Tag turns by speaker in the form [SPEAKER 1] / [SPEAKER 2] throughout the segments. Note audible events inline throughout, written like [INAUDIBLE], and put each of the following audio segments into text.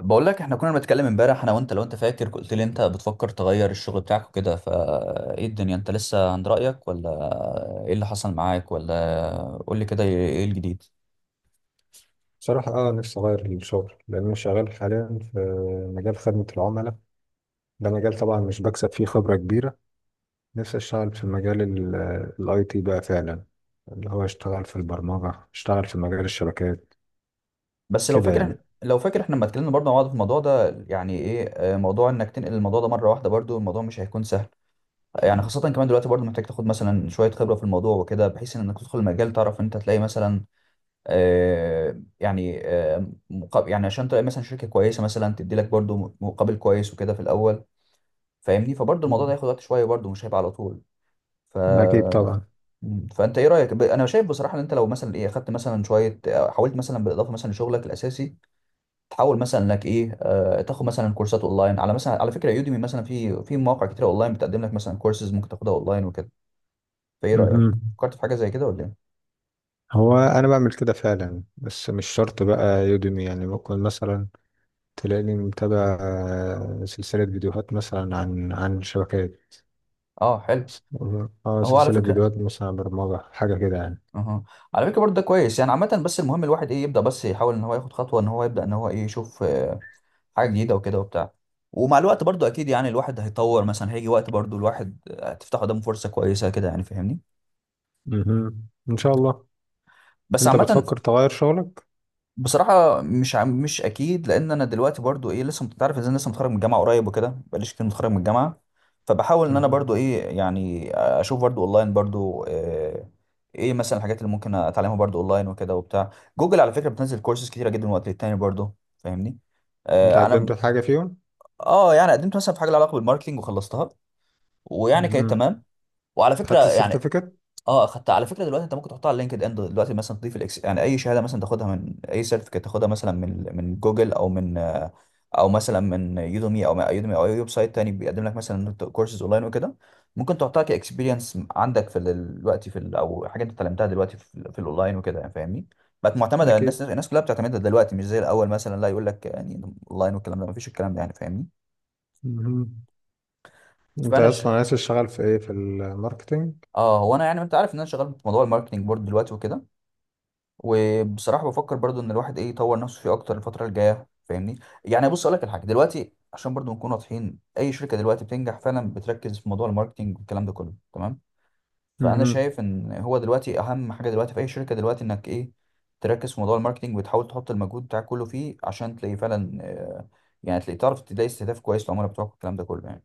[SPEAKER 1] بقول لك احنا كنا بنتكلم امبارح انا وانت. لو انت فاكر، قلت لي انت بتفكر تغير الشغل بتاعك وكده، فايه الدنيا؟ انت لسه عند رأيك ولا ايه اللي حصل معاك؟ ولا قول لي كده، ايه الجديد؟
[SPEAKER 2] بصراحة، نفسي اغير الشغل لان انا شغال حاليا في مجال خدمة العملاء. ده مجال طبعا مش بكسب فيه خبرة كبيرة. نفسي اشتغل في مجال الاي تي بقى فعلا، اللي هو اشتغل في البرمجة، اشتغل في مجال الشبكات،
[SPEAKER 1] بس لو
[SPEAKER 2] كده يعني.
[SPEAKER 1] فاكر لو فاكر احنا لما اتكلمنا برضه مع بعض في الموضوع ده، يعني ايه، موضوع انك تنقل الموضوع ده مره واحده، برضه الموضوع مش هيكون سهل. يعني خاصه كمان دلوقتي برضه محتاج تاخد مثلا شويه خبره في الموضوع وكده، بحيث انك تدخل المجال، تعرف انت تلاقي مثلا يعني مقابل، يعني عشان تلاقي مثلا شركه كويسه مثلا تدي لك برضو مقابل كويس وكده في الاول، فاهمني؟ فبرضو الموضوع ده
[SPEAKER 2] مم.
[SPEAKER 1] هياخد وقت شويه برضو، مش هيبقى على طول. ف
[SPEAKER 2] اكيد طبعا.
[SPEAKER 1] فانت ايه رايك؟ انا شايف بصراحه ان انت لو مثلا ايه اخدت مثلا شويه، حاولت مثلا بالاضافه مثلا لشغلك الاساسي تحاول مثلا لك ايه، تاخد مثلا كورسات اونلاين، على مثلا على فكره يوديمي مثلا، في مواقع كتير اونلاين بتقدم لك مثلا كورسز ممكن تاخدها اونلاين وكده. فايه رايك؟
[SPEAKER 2] مهم.
[SPEAKER 1] فكرت في حاجه زي كده ولا ايه؟
[SPEAKER 2] هو انا بعمل كده فعلا، بس مش شرط بقى يوديمي، يعني ممكن مثلا تلاقيني متابع سلسلة فيديوهات مثلا عن شبكات.
[SPEAKER 1] اه، حلو.
[SPEAKER 2] اه
[SPEAKER 1] هو على
[SPEAKER 2] سلسلة
[SPEAKER 1] فكره
[SPEAKER 2] فيديوهات مثلا عن برمجة، حاجة كده يعني.
[SPEAKER 1] اها على فكره، برضه ده كويس يعني عامه. بس المهم الواحد ايه، يبدا بس، يحاول ان هو ياخد خطوه، ان هو يبدا، ان هو ايه يشوف حاجه جديده وكده وبتاع. ومع الوقت برضه اكيد يعني الواحد هيطور، مثلا هيجي وقت برضه الواحد هتفتح قدامه فرصه كويسه كده يعني، فاهمني؟
[SPEAKER 2] مهم. ان شاء الله.
[SPEAKER 1] بس
[SPEAKER 2] انت
[SPEAKER 1] عامه،
[SPEAKER 2] بتفكر تغير شغلك؟
[SPEAKER 1] بصراحة مش أكيد. لأن أنا دلوقتي برضو إيه لسه تعرف إزاي، أنا لسه متخرج من الجامعة قريب وكده، بقاليش كتير متخرج من الجامعة. فبحاول إن أنا برضو
[SPEAKER 2] مهم.
[SPEAKER 1] إيه، يعني أشوف برضو أونلاين برضو، إيه مثلا الحاجات اللي ممكن أتعلمها برضو أونلاين وكده وبتاع. جوجل على فكرة بتنزل كورسز كتيرة جدا من وقت للتاني، برضو فاهمني؟
[SPEAKER 2] انت
[SPEAKER 1] آه، أنا
[SPEAKER 2] قدمت في حاجه فيهم؟
[SPEAKER 1] آه يعني قدمت مثلا في حاجة لها علاقة بالماركتينج وخلصتها، ويعني كانت
[SPEAKER 2] مهم.
[SPEAKER 1] تمام. وعلى فكرة
[SPEAKER 2] خدت
[SPEAKER 1] يعني
[SPEAKER 2] السيرتيفيكت؟
[SPEAKER 1] اه خدت. على فكره دلوقتي انت ممكن تحطها على لينكد ان دلوقتي، مثلا تضيف الاكس، يعني اي شهاده مثلا تاخدها، من اي سيرتيفيكت تاخدها مثلا من جوجل او من او مثلا من يودمي او اي ويب سايت تاني بيقدم لك مثلا كورسز اونلاين وكده، ممكن تحطها كاكسبيرينس عندك دلوقتي او حاجه انت اتعلمتها دلوقتي في الاونلاين وكده، يعني فاهمني. بقت معتمده، الناس
[SPEAKER 2] اكيد.
[SPEAKER 1] الناس كلها بتعتمدها دلوقتي، مش زي الاول مثلا لا يقول لك يعني اونلاين والكلام ده مفيش، الكلام ده يعني فاهمني.
[SPEAKER 2] مهم. انت
[SPEAKER 1] فانا ش...
[SPEAKER 2] اصلا عايز تشتغل في ايه، في الماركتينج؟
[SPEAKER 1] اه، هو انا يعني انت عارف ان انا شغال في موضوع الماركتنج بورد دلوقتي وكده، وبصراحه بفكر برضو ان الواحد ايه يطور نفسه فيه اكتر الفتره الجايه، فاهمني؟ يعني بص اقول لك الحاجه دلوقتي، عشان برضو نكون واضحين، اي شركه دلوقتي بتنجح فعلا بتركز في موضوع الماركتينج والكلام ده كله، تمام؟ فانا
[SPEAKER 2] مهم.
[SPEAKER 1] شايف ان هو دلوقتي اهم حاجه دلوقتي في اي شركه دلوقتي انك ايه، تركز في موضوع الماركتينج وتحاول تحط المجهود بتاعك كله فيه، عشان تلاقي فعلا يعني تلاقي، تعرف تلاقي استهداف كويس للعملاء بتوعك والكلام ده كله يعني.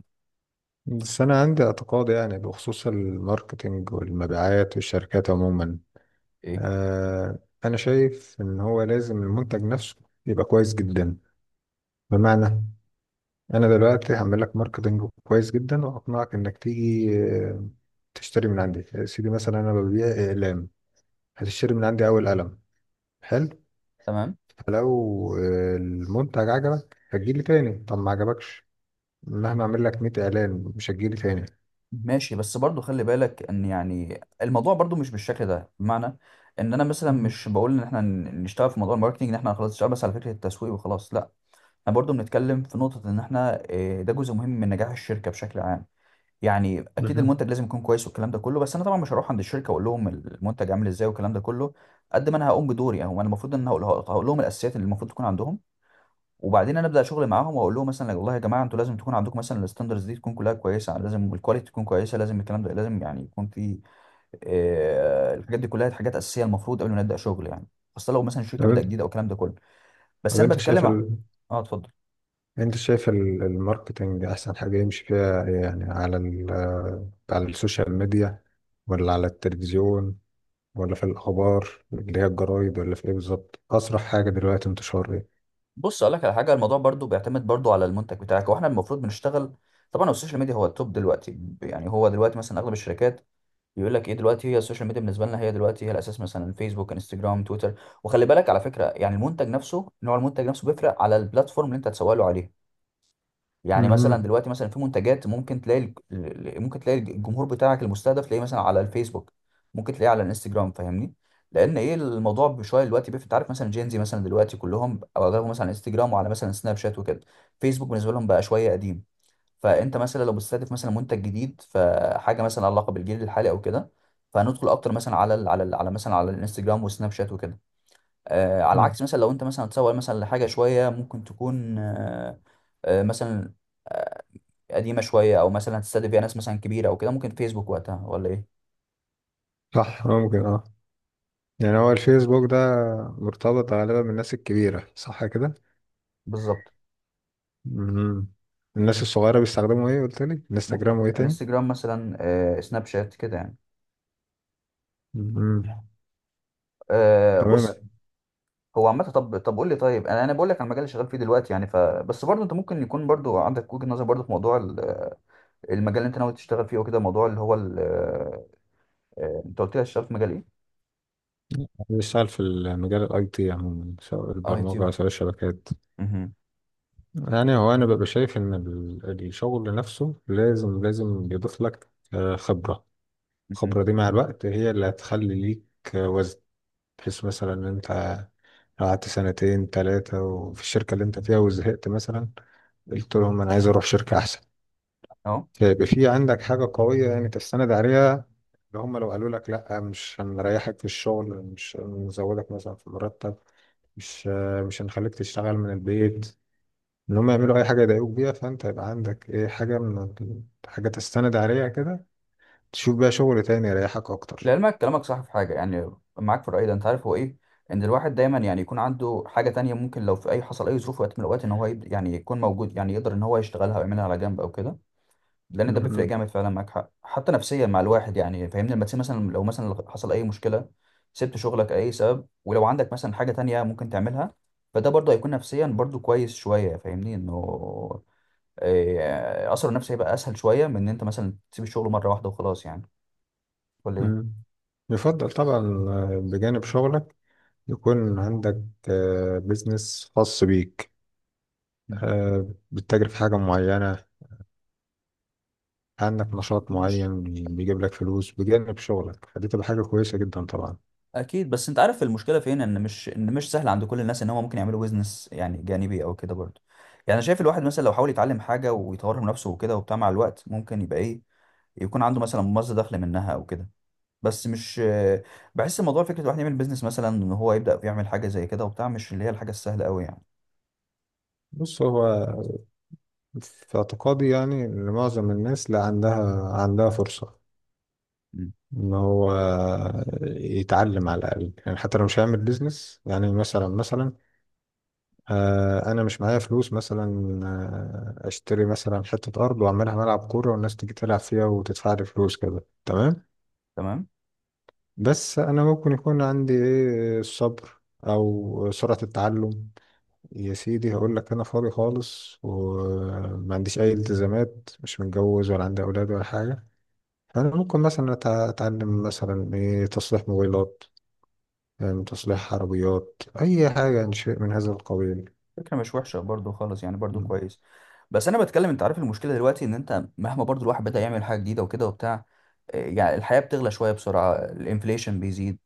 [SPEAKER 2] بس انا عندي اعتقاد، يعني بخصوص الماركتينج والمبيعات والشركات عموما.
[SPEAKER 1] ايه
[SPEAKER 2] آه انا شايف ان هو لازم المنتج نفسه يبقى كويس جدا. بمعنى، انا دلوقتي هعمل لك ماركتنج كويس جدا وهقنعك انك تيجي تشتري من عندي. يا سيدي، مثلا انا ببيع اقلام. هتشتري من عندي اول قلم، حلو.
[SPEAKER 1] تمام.
[SPEAKER 2] فلو المنتج عجبك هتجيلي تاني. طب ما عجبكش، مهما اعمل لك 100 اعلان مش هتجيلي تاني.
[SPEAKER 1] ماشي، بس برضو خلي بالك ان يعني الموضوع برضو مش بالشكل ده، بمعنى ان انا مثلا
[SPEAKER 2] مم.
[SPEAKER 1] مش بقول ان احنا نشتغل في موضوع الماركتينج ان احنا خلاص نشتغل بس على فكرة التسويق وخلاص، لا. احنا برضو بنتكلم في نقطة ان احنا إيه، ده جزء مهم من نجاح الشركة بشكل عام. يعني اكيد
[SPEAKER 2] بالظبط.
[SPEAKER 1] المنتج لازم يكون كويس والكلام ده كله، بس انا طبعا مش هروح عند الشركة واقول لهم المنتج عامل ازاي والكلام ده كله. قد ما انا هقوم بدوري اهو، انا المفروض ان أنا هقول لهم الاساسيات اللي المفروض تكون عندهم، وبعدين انا ابدا شغل معاهم، واقول لهم مثلا والله يا جماعه انتوا لازم تكون عندكم مثلا الستاندرز دي تكون كلها كويسه، لازم الكواليتي تكون كويسه، لازم الكلام ده لازم يعني يكون في الحاجات دي كلها حاجات اساسيه المفروض قبل ما نبدا شغل يعني، خاصه لو مثلا
[SPEAKER 2] طب
[SPEAKER 1] الشركه بدأ
[SPEAKER 2] انت
[SPEAKER 1] جديد او الكلام ده كله. بس
[SPEAKER 2] طب
[SPEAKER 1] انا
[SPEAKER 2] انت شايف
[SPEAKER 1] بتكلم
[SPEAKER 2] ال...
[SPEAKER 1] اه اتفضل.
[SPEAKER 2] الماركتنج احسن حاجة يمشي فيها، يعني على ال... آه، على السوشيال ميديا، ولا على التلفزيون، ولا في الأخبار اللي هي الجرايد، ولا في إيه بالظبط؟ أسرع حاجة دلوقتي انتشار إيه؟
[SPEAKER 1] بص اقول لك على حاجه، الموضوع برضو بيعتمد برضو على المنتج بتاعك واحنا المفروض بنشتغل. طبعا هو السوشيال ميديا هو التوب دلوقتي، يعني هو دلوقتي مثلا اغلب الشركات بيقول لك ايه، دلوقتي هي السوشيال ميديا بالنسبه لنا هي دلوقتي هي الاساس، مثلا فيسبوك، انستجرام، تويتر. وخلي بالك على فكره يعني المنتج نفسه، نوع المنتج نفسه بيفرق على البلاتفورم اللي انت هتسوق له عليه. يعني مثلا
[SPEAKER 2] مهم.
[SPEAKER 1] دلوقتي مثلا في منتجات ممكن تلاقي ممكن تلاقي الجمهور بتاعك المستهدف تلاقيه مثلا على الفيسبوك، ممكن تلاقيه على الانستجرام، فاهمني؟ لان ايه، الموضوع بشويه دلوقتي بيفرق، انت عارف مثلا جينزي مثلا دلوقتي كلهم او اغلبهم مثلا على انستجرام وعلى مثلا سناب شات وكده، فيسبوك بالنسبه لهم بقى شويه قديم. فانت مثلا لو بتستهدف مثلا منتج جديد، فحاجه مثلا علاقه بالجيل الحالي او كده، فهندخل اكتر مثلا على ال على ال على مثلا على الانستجرام والسناب شات وكده. آه على
[SPEAKER 2] مم.
[SPEAKER 1] العكس مثلا، لو انت مثلا هتسوق مثلا لحاجه شويه ممكن تكون مثلا قديمه شويه، او مثلا هتستهدف فيها ناس مثلا كبيره او كده، ممكن فيسبوك وقتها ولا ايه؟
[SPEAKER 2] صح، ممكن اه. يعني هو الفيسبوك ده مرتبط غالبا بالناس الكبيرة، صح كده؟
[SPEAKER 1] بالظبط،
[SPEAKER 2] مهم. الناس الصغيرة بيستخدموا ايه، قلت لي؟
[SPEAKER 1] ممكن
[SPEAKER 2] انستجرام وايه تاني؟
[SPEAKER 1] انستجرام مثلا، آه سناب شات كده يعني.
[SPEAKER 2] مهم.
[SPEAKER 1] آه
[SPEAKER 2] تمام
[SPEAKER 1] بص،
[SPEAKER 2] يعني.
[SPEAKER 1] هو عامه، طب قول لي، طيب انا بقول لك على المجال اللي شغال فيه دلوقتي يعني، فبس برضه انت ممكن يكون برضه عندك وجهه نظر برضه في موضوع المجال اللي انت ناوي تشتغل فيه وكده، موضوع اللي هو انت قلت لي هتشتغل في مجال ايه؟
[SPEAKER 2] بيشتغل في المجال الاي تي عموما، سواء
[SPEAKER 1] اي تيو.
[SPEAKER 2] البرمجة سواء الشبكات.
[SPEAKER 1] مهم.
[SPEAKER 2] يعني هو انا ببقى شايف ان الشغل نفسه لازم بيضيف لك خبرة.
[SPEAKER 1] مهم.
[SPEAKER 2] الخبرة دي مع الوقت هي اللي هتخلي ليك وزن، بحيث مثلا ان انت قعدت سنتين ثلاثة وفي الشركة اللي انت فيها وزهقت مثلا، قلت لهم انا عايز اروح شركة احسن.
[SPEAKER 1] اه،
[SPEAKER 2] فيبقى في عندك حاجة قوية يعني تستند عليها. اللي هم لو قالوا لك لا، مش هنريحك في الشغل، مش هنزودك مثلا في المرتب، مش مش هنخليك تشتغل من البيت، ان هم يعملوا اي حاجة يضايقوك بيها، فانت يبقى عندك ايه، حاجة تستند عليها كده، تشوف بقى شغل تاني يريحك اكتر.
[SPEAKER 1] لعلمك كلامك صح في حاجه يعني، معاك في الراي ده. انت عارف هو ايه، ان الواحد دايما يعني يكون عنده حاجه تانية، ممكن لو في اي حصل اي ظروف وقت من الاوقات، ان هو يعني يكون موجود، يعني يقدر ان هو يشتغلها ويعملها على جنب او كده. لان ده بيفرق
[SPEAKER 2] مم.
[SPEAKER 1] جامد فعلا، معاك حق حتى نفسيا مع الواحد يعني، فاهمني؟ لما تسيب مثلا، لو مثلا حصل اي مشكله سبت شغلك اي سبب، ولو عندك مثلا حاجه تانية ممكن تعملها، فده برضه هيكون نفسيا برضه كويس شويه، فاهمني انه اثره النفسي هيبقى اسهل شويه من ان انت مثلا تسيب الشغل مره واحده وخلاص يعني، ولا ايه؟
[SPEAKER 2] مم. يفضل طبعا بجانب شغلك يكون عندك بيزنس خاص بيك، بتتاجر في حاجة معينة، عندك نشاط
[SPEAKER 1] مش
[SPEAKER 2] معين بيجيب لك فلوس بجانب شغلك، فدي تبقى حاجة كويسة جدا طبعا.
[SPEAKER 1] اكيد. بس انت عارف المشكله فين، ان مش سهل عند كل الناس ان هم ممكن يعملوا بيزنس يعني جانبي او كده برضه، يعني انا شايف الواحد مثلا لو حاول يتعلم حاجه ويطور من نفسه وكده وبتاع، مع الوقت ممكن يبقى ايه، يكون عنده مثلا مصدر دخل منها او كده. بس مش، بحس الموضوع فكره الواحد يعمل بيزنس مثلا، ان هو يبدا يعمل حاجه زي كده وبتاع، مش اللي هي الحاجه السهله قوي يعني.
[SPEAKER 2] بص، هو في اعتقادي يعني إن معظم الناس لا عندها فرصة
[SPEAKER 1] مم.
[SPEAKER 2] إن هو يتعلم على الأقل. يعني حتى لو مش هيعمل بيزنس، يعني مثلا أنا مش معايا فلوس مثلا، أشتري مثلا حتة أرض وأعملها ملعب كورة والناس تيجي تلعب فيها وتدفع لي فلوس، كده تمام.
[SPEAKER 1] تمام.
[SPEAKER 2] بس انا ممكن يكون عندي ايه، الصبر او سرعة التعلم. يا سيدي، هقول لك انا فاضي خالص وما عنديش اي التزامات، مش متجوز ولا عندي اولاد ولا حاجة. فانا ممكن مثلا اتعلم مثلا ايه، تصليح موبايلات، يعني تصليح عربيات، اي حاجة يعني، شيء من هذا القبيل.
[SPEAKER 1] فكره مش وحشه برضو خالص يعني، برضو
[SPEAKER 2] مم.
[SPEAKER 1] كويس. بس انا بتكلم، انت عارف المشكله دلوقتي، ان انت مهما برضو الواحد بدا يعمل حاجه جديده وكده وبتاع، إيه، يعني الحياه بتغلى شويه بسرعه، الانفليشن بيزيد،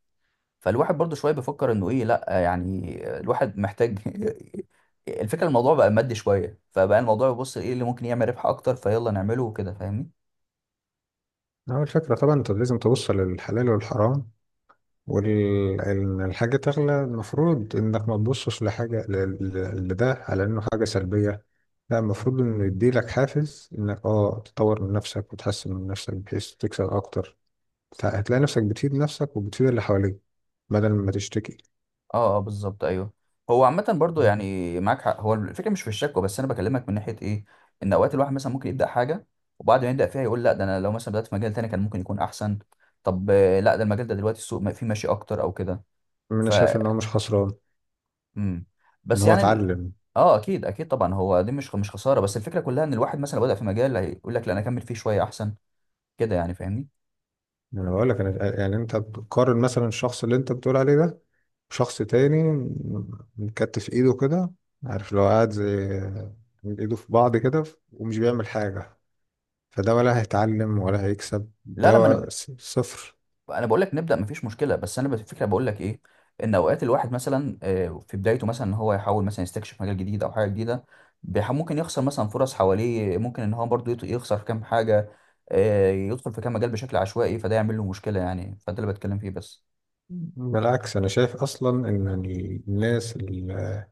[SPEAKER 1] فالواحد برضو شويه بيفكر انه ايه، لا يعني الواحد محتاج [LAUGHS] الفكره، الموضوع بقى مادي شويه، فبقى الموضوع بيبص ايه اللي ممكن يعمل ربح اكتر فيلا نعمله وكده، فاهمني؟
[SPEAKER 2] اول فكرة طبعا انت لازم تبص للحلال والحرام. والحاجة تغلى، المفروض إنك ما تبصش لحاجة، لده على إنه حاجة سلبية. لا، المفروض إنه يديلك حافز إنك تطور من نفسك وتحسن من نفسك بحيث تكسب أكتر. هتلاقي نفسك بتفيد نفسك وبتفيد اللي حواليك، بدل ما تشتكي.
[SPEAKER 1] اه اه بالظبط، ايوه. هو عامة برضو يعني معاك حق، هو الفكرة مش في الشكوى، بس انا بكلمك من ناحية ايه، ان اوقات الواحد مثلا ممكن يبدأ حاجة، وبعد ما يبدأ فيها يقول لا، ده انا لو مثلا بدأت في مجال تاني كان ممكن يكون احسن. طب لا، ده المجال ده دلوقتي السوق فيه ماشي اكتر او كده.
[SPEAKER 2] أنا
[SPEAKER 1] ف
[SPEAKER 2] شايف إن هو مش خسران
[SPEAKER 1] امم
[SPEAKER 2] إن
[SPEAKER 1] بس
[SPEAKER 2] هو
[SPEAKER 1] يعني
[SPEAKER 2] اتعلم.
[SPEAKER 1] اه اكيد اكيد طبعا، هو دي مش خسارة، بس الفكرة كلها ان الواحد مثلا لو بدأ في مجال هيقول لك لا انا اكمل فيه شوية احسن كده يعني، فاهمني؟
[SPEAKER 2] يعني أنا بقول لك، أنا يعني أنت بتقارن مثلا، الشخص اللي أنت بتقول عليه ده شخص تاني مكتف ايده كده. عارف، لو قاعد زي ايده في بعض كده ومش بيعمل حاجة، فده ولا هيتعلم ولا هيكسب، ده
[SPEAKER 1] لا لا ما انا
[SPEAKER 2] صفر.
[SPEAKER 1] انا بقول لك نبدا مفيش مشكله، بس انا الفكره بقول لك ايه، ان اوقات الواحد مثلا في بدايته مثلا، ان هو يحاول مثلا يستكشف مجال جديد او حاجه جديده، ممكن يخسر مثلا فرص حواليه، ممكن ان هو برضه يخسر كام حاجه، يدخل في كام مجال بشكل عشوائي، فده يعمل له مشكله يعني، فده اللي بتكلم فيه بس.
[SPEAKER 2] بالعكس، أنا شايف أصلا إن الناس اللي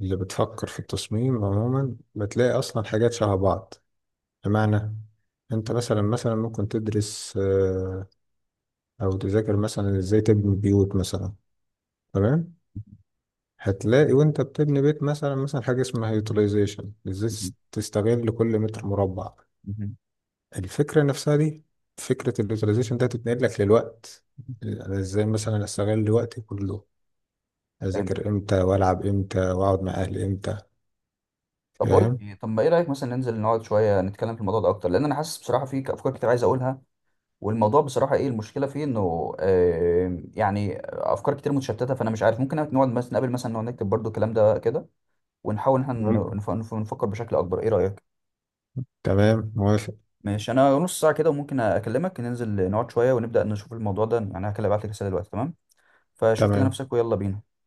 [SPEAKER 2] اللي بتفكر في التصميم عموما بتلاقي أصلا حاجات شبه بعض. بمعنى، أنت مثلا ممكن تدرس أو تذاكر مثلا إزاي تبني بيوت مثلا. تمام.
[SPEAKER 1] [LAUGHS]
[SPEAKER 2] هتلاقي وانت بتبني بيت مثلا حاجة اسمها يوتيلايزيشن، ازاي
[SPEAKER 1] مهم.
[SPEAKER 2] تستغل كل متر مربع.
[SPEAKER 1] مهم.
[SPEAKER 2] الفكرة نفسها دي، فكرة اليوتيلايزيشن ده هتتنقل لك للوقت.
[SPEAKER 1] مهم.
[SPEAKER 2] انا ازاي مثلا استغل وقتي كله،
[SPEAKER 1] فهمت.
[SPEAKER 2] اذاكر امتى والعب امتى واقعد مع اهلي امتى.
[SPEAKER 1] طب بقول لك
[SPEAKER 2] فاهم.
[SPEAKER 1] ايه، طب ما ايه رايك مثلا ننزل نقعد شويه نتكلم في الموضوع ده اكتر، لان انا حاسس بصراحه في افكار كتير عايز اقولها، والموضوع بصراحة ايه المشكلة فيه انه يعني افكار كتير متشتتة، فانا مش عارف، ممكن نقعد مثلا نقابل مثلا نقعد نكتب برضو الكلام ده كده، ونحاول ان احنا
[SPEAKER 2] ممكن.
[SPEAKER 1] نفكر بشكل اكبر، ايه رأيك؟
[SPEAKER 2] تمام، موافق.
[SPEAKER 1] ماشي، انا نص ساعة كده وممكن اكلمك، ننزل نقعد شوية ونبدأ نشوف الموضوع ده يعني. هكلم، ابعت لك رسالة دلوقتي، تمام؟ فشوف كده
[SPEAKER 2] تمام.
[SPEAKER 1] نفسك ويلا بينا.